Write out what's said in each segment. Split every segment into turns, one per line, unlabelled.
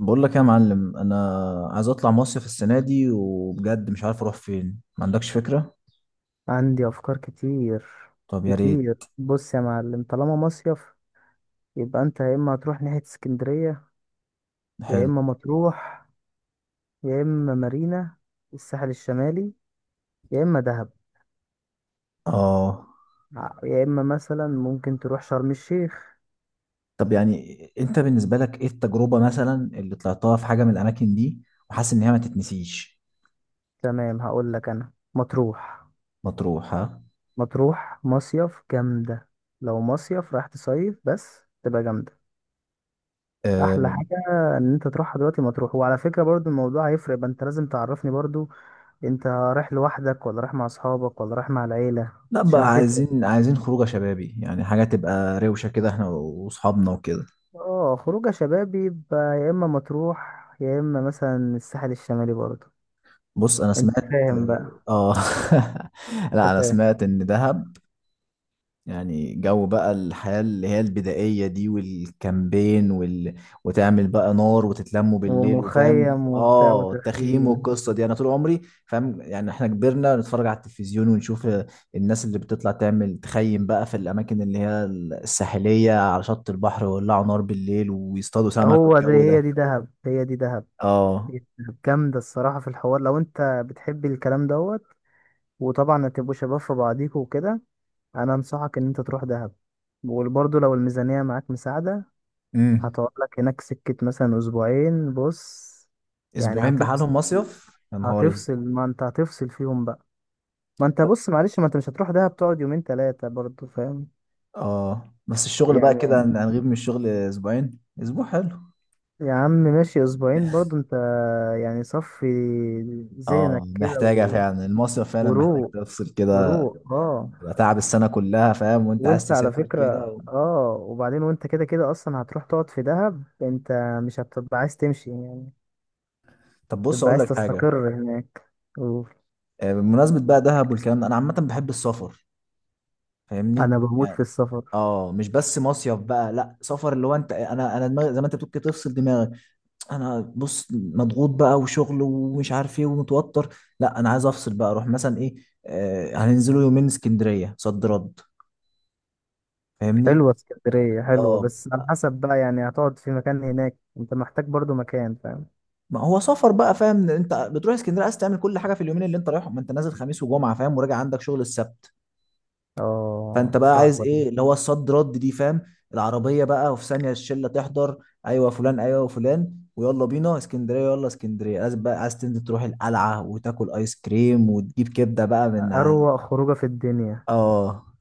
بقول لك إيه يا معلم، انا عايز اطلع مصيف السنه دي، وبجد مش عارف اروح فين، ما عندكش فكره؟
عندي افكار كتير
طب يا
كتير.
ريت.
بص يا معلم، طالما مصيف يبقى انت يا اما هتروح ناحية اسكندرية، يا
حلو.
اما مطروح، يا اما مارينا، الساحل الشمالي، يا اما دهب،
اه.
يا اما مثلا ممكن تروح شرم الشيخ.
طب يعني انت بالنسبه لك ايه التجربه، مثلا اللي طلعتها في حاجه من الاماكن دي وحاسس ان هي ما تتنسيش؟
تمام، هقول لك انا مطروح.
مطروح، ها.
مطروح مصيف جامدة. لو مصيف راح تصيف بس تبقى جامدة. احلى
أه.
حاجة ان انت تروحها دلوقتي مطروح. وعلى فكرة برضو الموضوع هيفرق، يبقى انت لازم تعرفني برضو، انت رايح لوحدك ولا رايح مع اصحابك ولا رايح مع العيلة؟
لا
عشان
بقى،
هتفرق.
عايزين خروجه شبابي، يعني حاجه تبقى روشه كده، احنا واصحابنا وكده.
اه، خروجه شباب بيبقى يا اما مطروح يا اما مثلا الساحل الشمالي برضه.
بص انا
انت
سمعت.
فاهم بقى؟
اه.
انت
لا انا
فاهم.
سمعت ان دهب، يعني جو بقى الحياة اللي هي البدائية دي والكامبين وتعمل بقى نار وتتلموا بالليل، وفاهم
ومخيم وبتاع
التخييم
وتخييم.
والقصة دي، انا طول عمري فاهم، يعني احنا كبرنا نتفرج على التلفزيون ونشوف الناس اللي بتطلع تعمل تخيم بقى في الاماكن اللي هي الساحلية على شط البحر، ويولعوا نار بالليل، ويصطادوا سمك،
هو ده،
والجو
هي
ده.
دي دهب، هي دي دهب.
اه.
هي دي دهب. جامدة الصراحة في الحوار لو انت بتحب الكلام دوت. وطبعا هتبقوا شباب في بعضيكوا وكده. انا انصحك ان انت تروح دهب. وبرضه لو الميزانية معاك مساعدة
امم
هتقعد لك هناك سكة مثلا أسبوعين. بص يعني
اسبوعين
هتفصل،
بحالهم مصيف يا نهاري!
هتفصل. ما أنت هتفصل فيهم بقى. ما أنت بص معلش، ما أنت مش هتروح دهب تقعد يومين تلاتة برضو فاهم؟
اه، بس الشغل بقى كده
يعني
هنغيب من الشغل اسبوعين، اسبوع حلو.
يا عم ماشي أسبوعين برضو أنت، يعني صفي
اه
ذهنك كده
محتاجة
و.
فعلا، المصيف فعلا محتاج
وروق،
تفصل كده.
وروق اه.
يبقى تعب السنة كلها، فاهم، وانت عايز
وانت على
تسافر كده
فكرة اه، وبعدين وانت كده كده اصلا هتروح تقعد في دهب انت، مش هتبقى عايز تمشي يعني،
طب بص
تبقى
اقول
عايز
لك حاجة.
تستقر هناك. أوف.
بمناسبة بقى دهب والكلام ده، انا عامة بحب السفر. فاهمني
انا بموت في
يعني.
السفر.
اه، مش بس مصيف بقى، لا سفر اللي هو انت انا انا دماغي زي ما انت بتقول كده، تفصل دماغك. انا بص مضغوط بقى، وشغل ومش عارف ايه ومتوتر. لا انا عايز افصل بقى، اروح مثلا ايه. هننزلوا يومين اسكندرية صد رد. فاهمني.
حلوة اسكندرية، حلوة،
اه،
بس على حسب بقى، يعني هتقعد في مكان هناك، انت محتاج برضو مكان فاهم.
ما هو سفر بقى، فاهم، انت بتروح اسكندريه عايز تعمل كل حاجه في اليومين اللي انت رايحهم، ما انت نازل خميس وجمعه فاهم، وراجع عندك شغل السبت. فانت
اه
بقى عايز
صعبة دي.
ايه اللي هو الصد رد دي، فاهم. العربيه بقى، وفي ثانيه الشله تحضر. ايوه فلان، ايوه فلان، ويلا بينا اسكندريه، يلا اسكندريه، عايز تنزل تروح القلعه، وتاكل ايس كريم، وتجيب كبده بقى
أروق خروجة في الدنيا.
اه.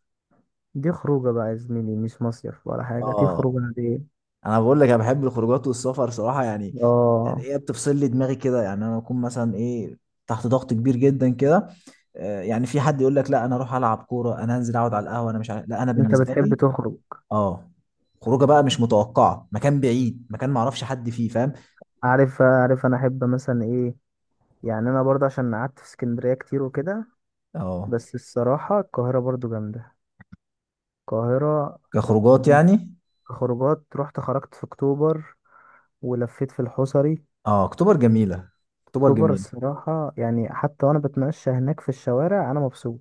دي خروجة بقى يا زميلي، مش مصيف ولا حاجة، دي
اه.
خروجة عادية.
انا بقول لك، انا بحب الخروجات والسفر صراحه يعني. يعني
اه.
ايه، بتفصل لي دماغي كده، يعني انا بكون مثلا ايه، تحت ضغط كبير جدا كده. يعني في حد يقول لك لا انا اروح العب كوره، انا هنزل اقعد على القهوه، انا مش عارف، لا انا
انت
بالنسبه
بتحب
لي.
تخرج.
اه. خروجه بقى مش متوقعه، مكان بعيد، مكان ما اعرفش حد فيه، فاهم.
عارف، عارف. انا احب مثلا ايه، يعني انا برضه عشان قعدت في اسكندرية كتير وكده.
اه،
بس الصراحة القاهرة برضه جامدة، القاهرة.
كخروجات يعني.
خروجات رحت خرجت في اكتوبر ولفيت في الحصري.
اه، اكتوبر جميله. اكتوبر
اكتوبر
جميل.
الصراحة يعني حتى وانا بتمشى هناك في الشوارع انا مبسوط،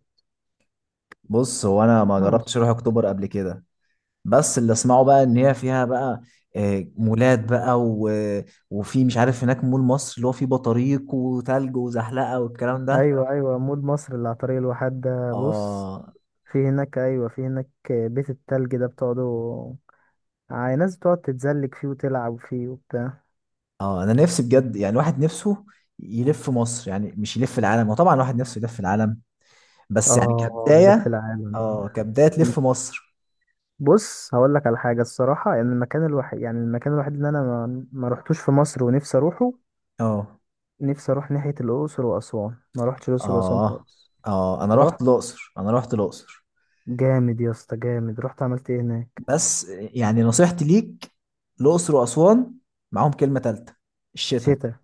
بص هو انا ما
انا
جربتش
مبسوط.
اروح اكتوبر قبل كده. بس اللي اسمعه بقى ان هي فيها بقى، مولات بقى وفي مش عارف هناك مول مصر، اللي هو فيه بطاريق وتلج وزحلقه والكلام ده.
ايوه ايوه، مول مصر اللي على طريق الواحات ده. بص،
اه.
في هناك، ايوه في هناك بيت التلج ده، بتقعدوا ناس بتقعد تتزلج فيه وتلعب فيه وبتاع.
اه انا نفسي بجد، يعني واحد نفسه يلف مصر، يعني مش يلف العالم، وطبعا واحد نفسه يلف العالم. بس يعني
اه يلف
كبدايه.
العالم.
اه، كبدايه تلف مصر.
بص هقول لك على حاجة الصراحة، يعني المكان الوحيد، يعني المكان الوحيد اللي انا ما رحتوش في مصر ونفسي اروحه،
اه.
نفسي اروح ناحية الاقصر واسوان. ما رحتش الاقصر واسوان
اه.
خالص.
اه، انا
رحت.
رحت الاقصر، انا رحت الاقصر.
جامد يا اسطى، جامد. رحت عملت ايه هناك؟
بس يعني نصيحتي ليك، الاقصر واسوان، معاهم كلمه ثالثه: الشتاء.
شتاء.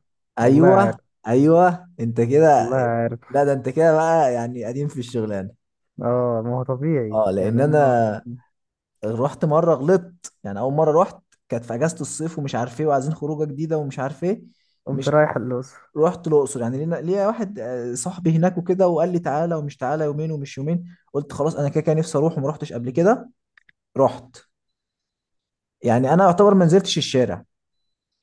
والله
ايوه.
عارف،
ايوه انت كده.
والله عارف.
لا ده انت كده بقى، يعني قديم في الشغلانه.
اه، ما هو طبيعي
اه،
يعني
لان
انا
انا رحت مره غلطت، يعني اول مره رحت كانت في اجازه الصيف، ومش عارف ايه، وعايزين خروجه جديده، ومش عارف ايه.
قمت
مش
رايح الأقصر
رحت الاقصر، يعني ليا واحد صاحبي هناك وكده، وقال لي تعالى ومش تعالى، يومين ومش يومين. قلت خلاص، انا كده كده نفسي اروح وما رحتش قبل كده. رحت. يعني انا اعتبر ما نزلتش الشارع.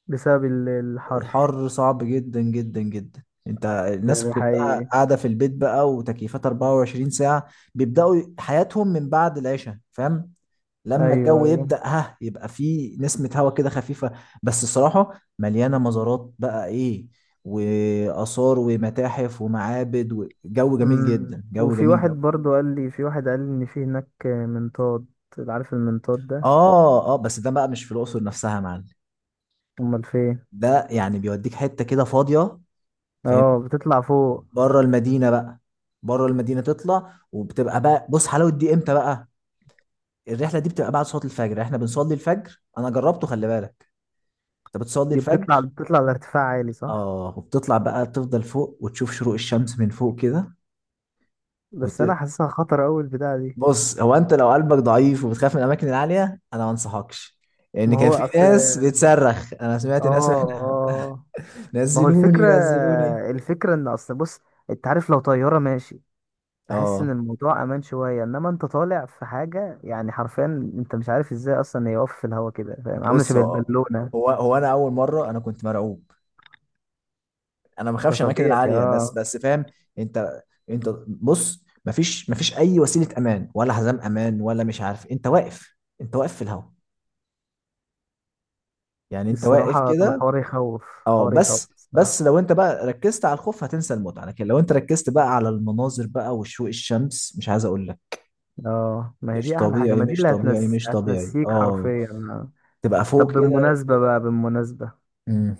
بسبب الحر.
الحر صعب جدا جدا جدا، انت
ده
الناس
ده
كلها
حقيقي.
قاعده في البيت بقى وتكييفات 24 ساعه. بيبداوا حياتهم من بعد العشاء، فاهم. لما
ايوه
الجو
ايوه.
يبدا، ها يبقى في نسمه هواء كده خفيفه. بس الصراحه مليانه مزارات بقى، ايه واثار ومتاحف ومعابد وجو جميل
أمم.
جدا، جو
وفي
جميل
واحد
جدا.
برضو قال لي، في واحد قال لي ان في هناك منطاد، عارف المنطاد ده؟
اه. اه بس ده بقى مش في الاقصر نفسها يا معلم.
امال فين؟
ده يعني بيوديك حته كده فاضيه. فاهم،
اه بتطلع فوق.
بره المدينه بقى. بره المدينه تطلع، وبتبقى بقى، بص حلاوه دي امتى بقى؟ الرحله دي بتبقى بعد صلاه الفجر، احنا بنصلي الفجر، انا جربته، خلي بالك. انت بتصلي
دي بتطلع،
الفجر.
بتطلع لارتفاع عالي صح؟
اه وبتطلع بقى تفضل فوق، وتشوف شروق الشمس من فوق كده
بس انا
وت...
حاسسها خطر اوي البتاعه دي.
بص هو، انت لو قلبك ضعيف وبتخاف من الاماكن العاليه انا ما انصحكش. لان
ما
كان
هو
في
اصل.
ناس بتصرخ، انا
اه،
سمعت ناس
اه. ما هو
نزلوني
الفكرة،
نزلوني!
الفكرة ان اصل بص، انت عارف لو طيارة ماشي بحس ان
اه،
الموضوع امان شوية، انما انت طالع في حاجة يعني حرفيا انت مش عارف ازاي اصلا يقف في الهوا كده فاهم، عاملة
بص
شبه
هو
البالونة.
هو هو انا اول مره انا كنت مرعوب. انا ما
ده
بخافش الاماكن
طبيعي
العاليه، بس
اه.
بس فاهم. انت انت بص مفيش اي وسيله امان، ولا حزام امان، ولا مش عارف، انت واقف. انت واقف في الهواء. يعني انت واقف
الصراحة طب
كده.
الحوار يخوف،
اه،
الحوار يخوف
بس
الصراحة.
بس لو انت بقى ركزت على الخوف هتنسى المتعه، لكن لو انت ركزت بقى على المناظر بقى وشروق الشمس، مش عايز اقول لك.
اه، ما هي
مش
دي احلى حاجة،
طبيعي،
ما دي
مش
اللي
طبيعي، مش طبيعي،
هتنسيك
اه.
حرفيا آه.
تبقى
طب
فوق كده.
بالمناسبة بقى، بالمناسبة
مم.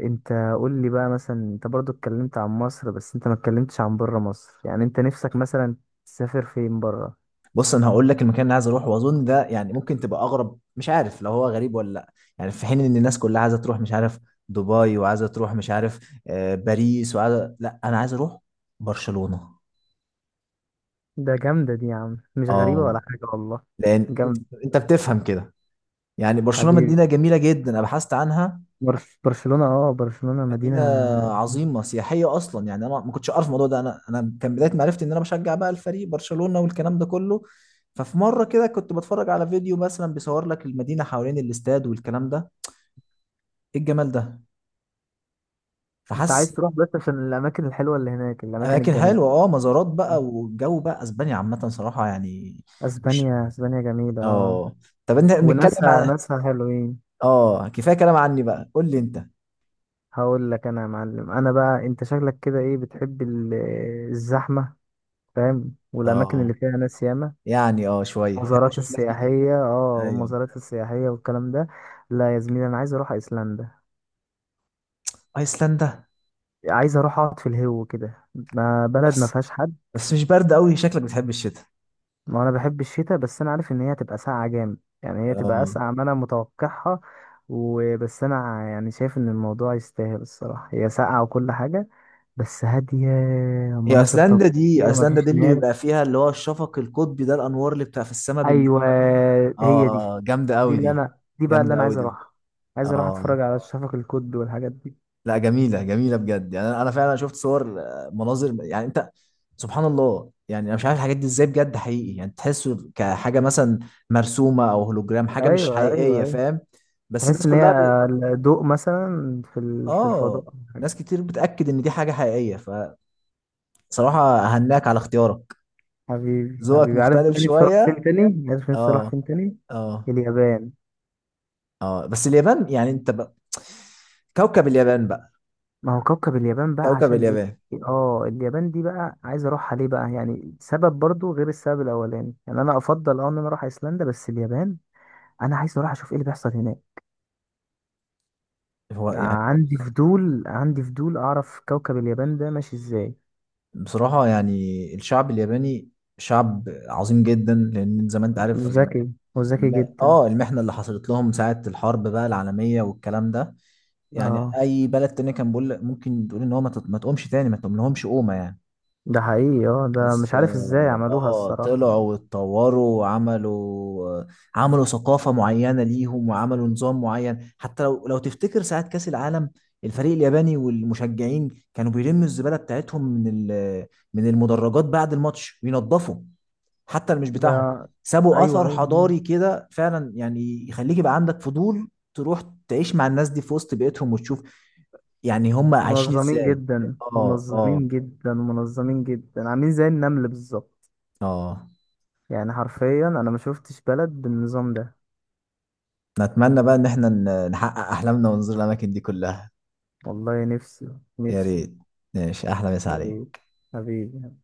انت قول لي بقى مثلا، انت برضو اتكلمت عن مصر بس انت ما اتكلمتش عن بره مصر، يعني انت نفسك مثلا تسافر فين بره؟
بص انا هقول لك المكان اللي عايز اروحه، واظن ده يعني ممكن تبقى اغرب، مش عارف لو هو غريب ولا لا. يعني في حين ان الناس كلها عايزه تروح مش عارف دبي، وعايزه تروح مش عارف باريس، وعايزه، لا انا عايز اروح برشلونه.
ده جامدة دي يا عم، مش غريبة
اه،
ولا حاجة والله.
لان
جامدة.
انت بتفهم كده. يعني برشلونه
حبيبي.
مدينه جميله جدا، انا بحثت عنها.
برس برشلونة، اه برشلونة مدينة.
مدينه عظيمه سياحيه اصلا، يعني انا ما كنتش اعرف الموضوع ده، انا كان بدايه معرفتي ان انا بشجع بقى الفريق برشلونه والكلام ده كله. ففي مره كده كنت بتفرج على فيديو مثلا بيصور لك المدينه حوالين الاستاد والكلام ده، ايه الجمال ده!
انت
فحاسس.
عايز تروح بس عشان الأماكن الحلوة اللي هناك، الأماكن
اماكن
الجميلة.
حلوه، اه مزارات بقى، والجو بقى اسبانيا عامه صراحه يعني. وش
اسبانيا، اسبانيا جميلة اه.
اه. طب انت بنتكلم
وناسها،
عن.
ناسها حلوين.
اه، كفايه كلام عني بقى، قول لي انت.
هقول لك انا يا معلم، انا بقى انت شكلك كده ايه، بتحب الزحمة فاهم، والاماكن اللي
اه،
فيها ناس ياما،
يعني شويه بحب
المزارات
اشوف ناس جديده.
السياحية اه،
ايوه.
والمزارات السياحية والكلام ده. لا يا زميلي انا عايز اروح ايسلندا.
ايسلندا.
عايز اروح اقعد في الهو كده، ما بلد ما
بس
فيهاش حد.
بس مش برد قوي، شكلك بتحب الشتاء.
ما انا بحب الشتاء، بس انا عارف ان هي هتبقى ساقعه جامد، يعني هي تبقى
اه،
اسقع ما انا متوقعها. وبس انا يعني شايف ان الموضوع يستاهل الصراحه، هي ساقعه وكل حاجه بس هاديه،
هي
مناظر
ايسلندا دي،
طبيعيه، ما
ايسلندا دي
فيش
اللي بيبقى
ناس.
فيها اللي هو الشفق القطبي ده، الانوار اللي بتبقى في السماء بالليل.
ايوه، هي دي،
اه جامده
دي
قوي
اللي
دي.
انا، دي بقى اللي
جامده
انا
قوي
عايز
دي.
اروحها. عايز اروح
اه.
اتفرج على الشفق القد والحاجات دي.
لا جميلة جميلة بجد، يعني أنا فعلا شفت صور، مناظر يعني أنت. سبحان الله، يعني أنا مش عارف الحاجات دي إزاي، بجد حقيقي، يعني تحسه كحاجة مثلا مرسومة أو هولوجرام، حاجة مش
ايوه ايوه
حقيقية
ايوه.
فاهم. بس
تحس
الناس
ان هي
كلها
ضوء مثلا في في
آه.
الفضاء.
ناس كتير بتأكد إن دي حاجة حقيقية. فصراحة، أهناك على اختيارك.
حبيبي
ذوقك
حبيبي، عارف
مختلف
أنا نفسي أروح فين
شوية.
تاني؟ عارف نفسي أروح
آه.
فين تاني؟
آه.
اليابان.
آه، بس اليابان، يعني أنت بقى كوكب اليابان بقى.
ما هو كوكب اليابان بقى،
كوكب
عشان إيه؟
اليابان!
اه، اليابان دي بقى عايز أروحها ليه بقى؟ يعني سبب برضو غير السبب الأولاني، يعني أنا أفضل أه إن أنا أروح أيسلندا، بس اليابان أنا عايز أروح أشوف إيه اللي بيحصل هناك.
هو يعني.
عندي فضول، عندي فضول أعرف كوكب اليابان ده ماشي إزاي.
بصراحة يعني الشعب الياباني شعب عظيم جدا، لأن زي ما أنت عارف
وذكي، وذكي
الم...
جدا.
المحنة اللي حصلت لهم ساعة الحرب بقى العالمية والكلام ده، يعني
اه
أي بلد تاني كان بقول ممكن تقول إن هو ما تقومش تاني، ما تقوم لهمش قومة يعني.
ده حقيقي. اه ده
بس
مش عارف إزاي عملوها الصراحة.
طلعوا واتطوروا وعملوا، آه، عملوا ثقافة معينة ليهم وعملوا نظام معين، حتى لو تفتكر ساعة كأس العالم، الفريق الياباني والمشجعين كانوا بيلموا الزبالة بتاعتهم من المدرجات بعد الماتش، وينظفوا، حتى اللي مش بتاعهم.
ده
سابوا
أيوه
أثر
أيوه.
حضاري كده فعلا، يعني يخليك يبقى عندك فضول تروح، تعيش مع الناس دي في وسط بيئتهم، وتشوف يعني هم عايشين
منظمين
ازاي.
جدا،
اه. اه.
منظمين جدا، منظمين جدا، عاملين زي النمل بالظبط.
اه.
يعني حرفيا انا ما شفتش بلد بالنظام ده.
نتمنى بقى ان احنا نحقق احلامنا ونزور الاماكن دي كلها.
والله نفسي،
يا
نفسي.
ريت. ماشي، احلى مسا
يا ريت
عليك.
حبيبي.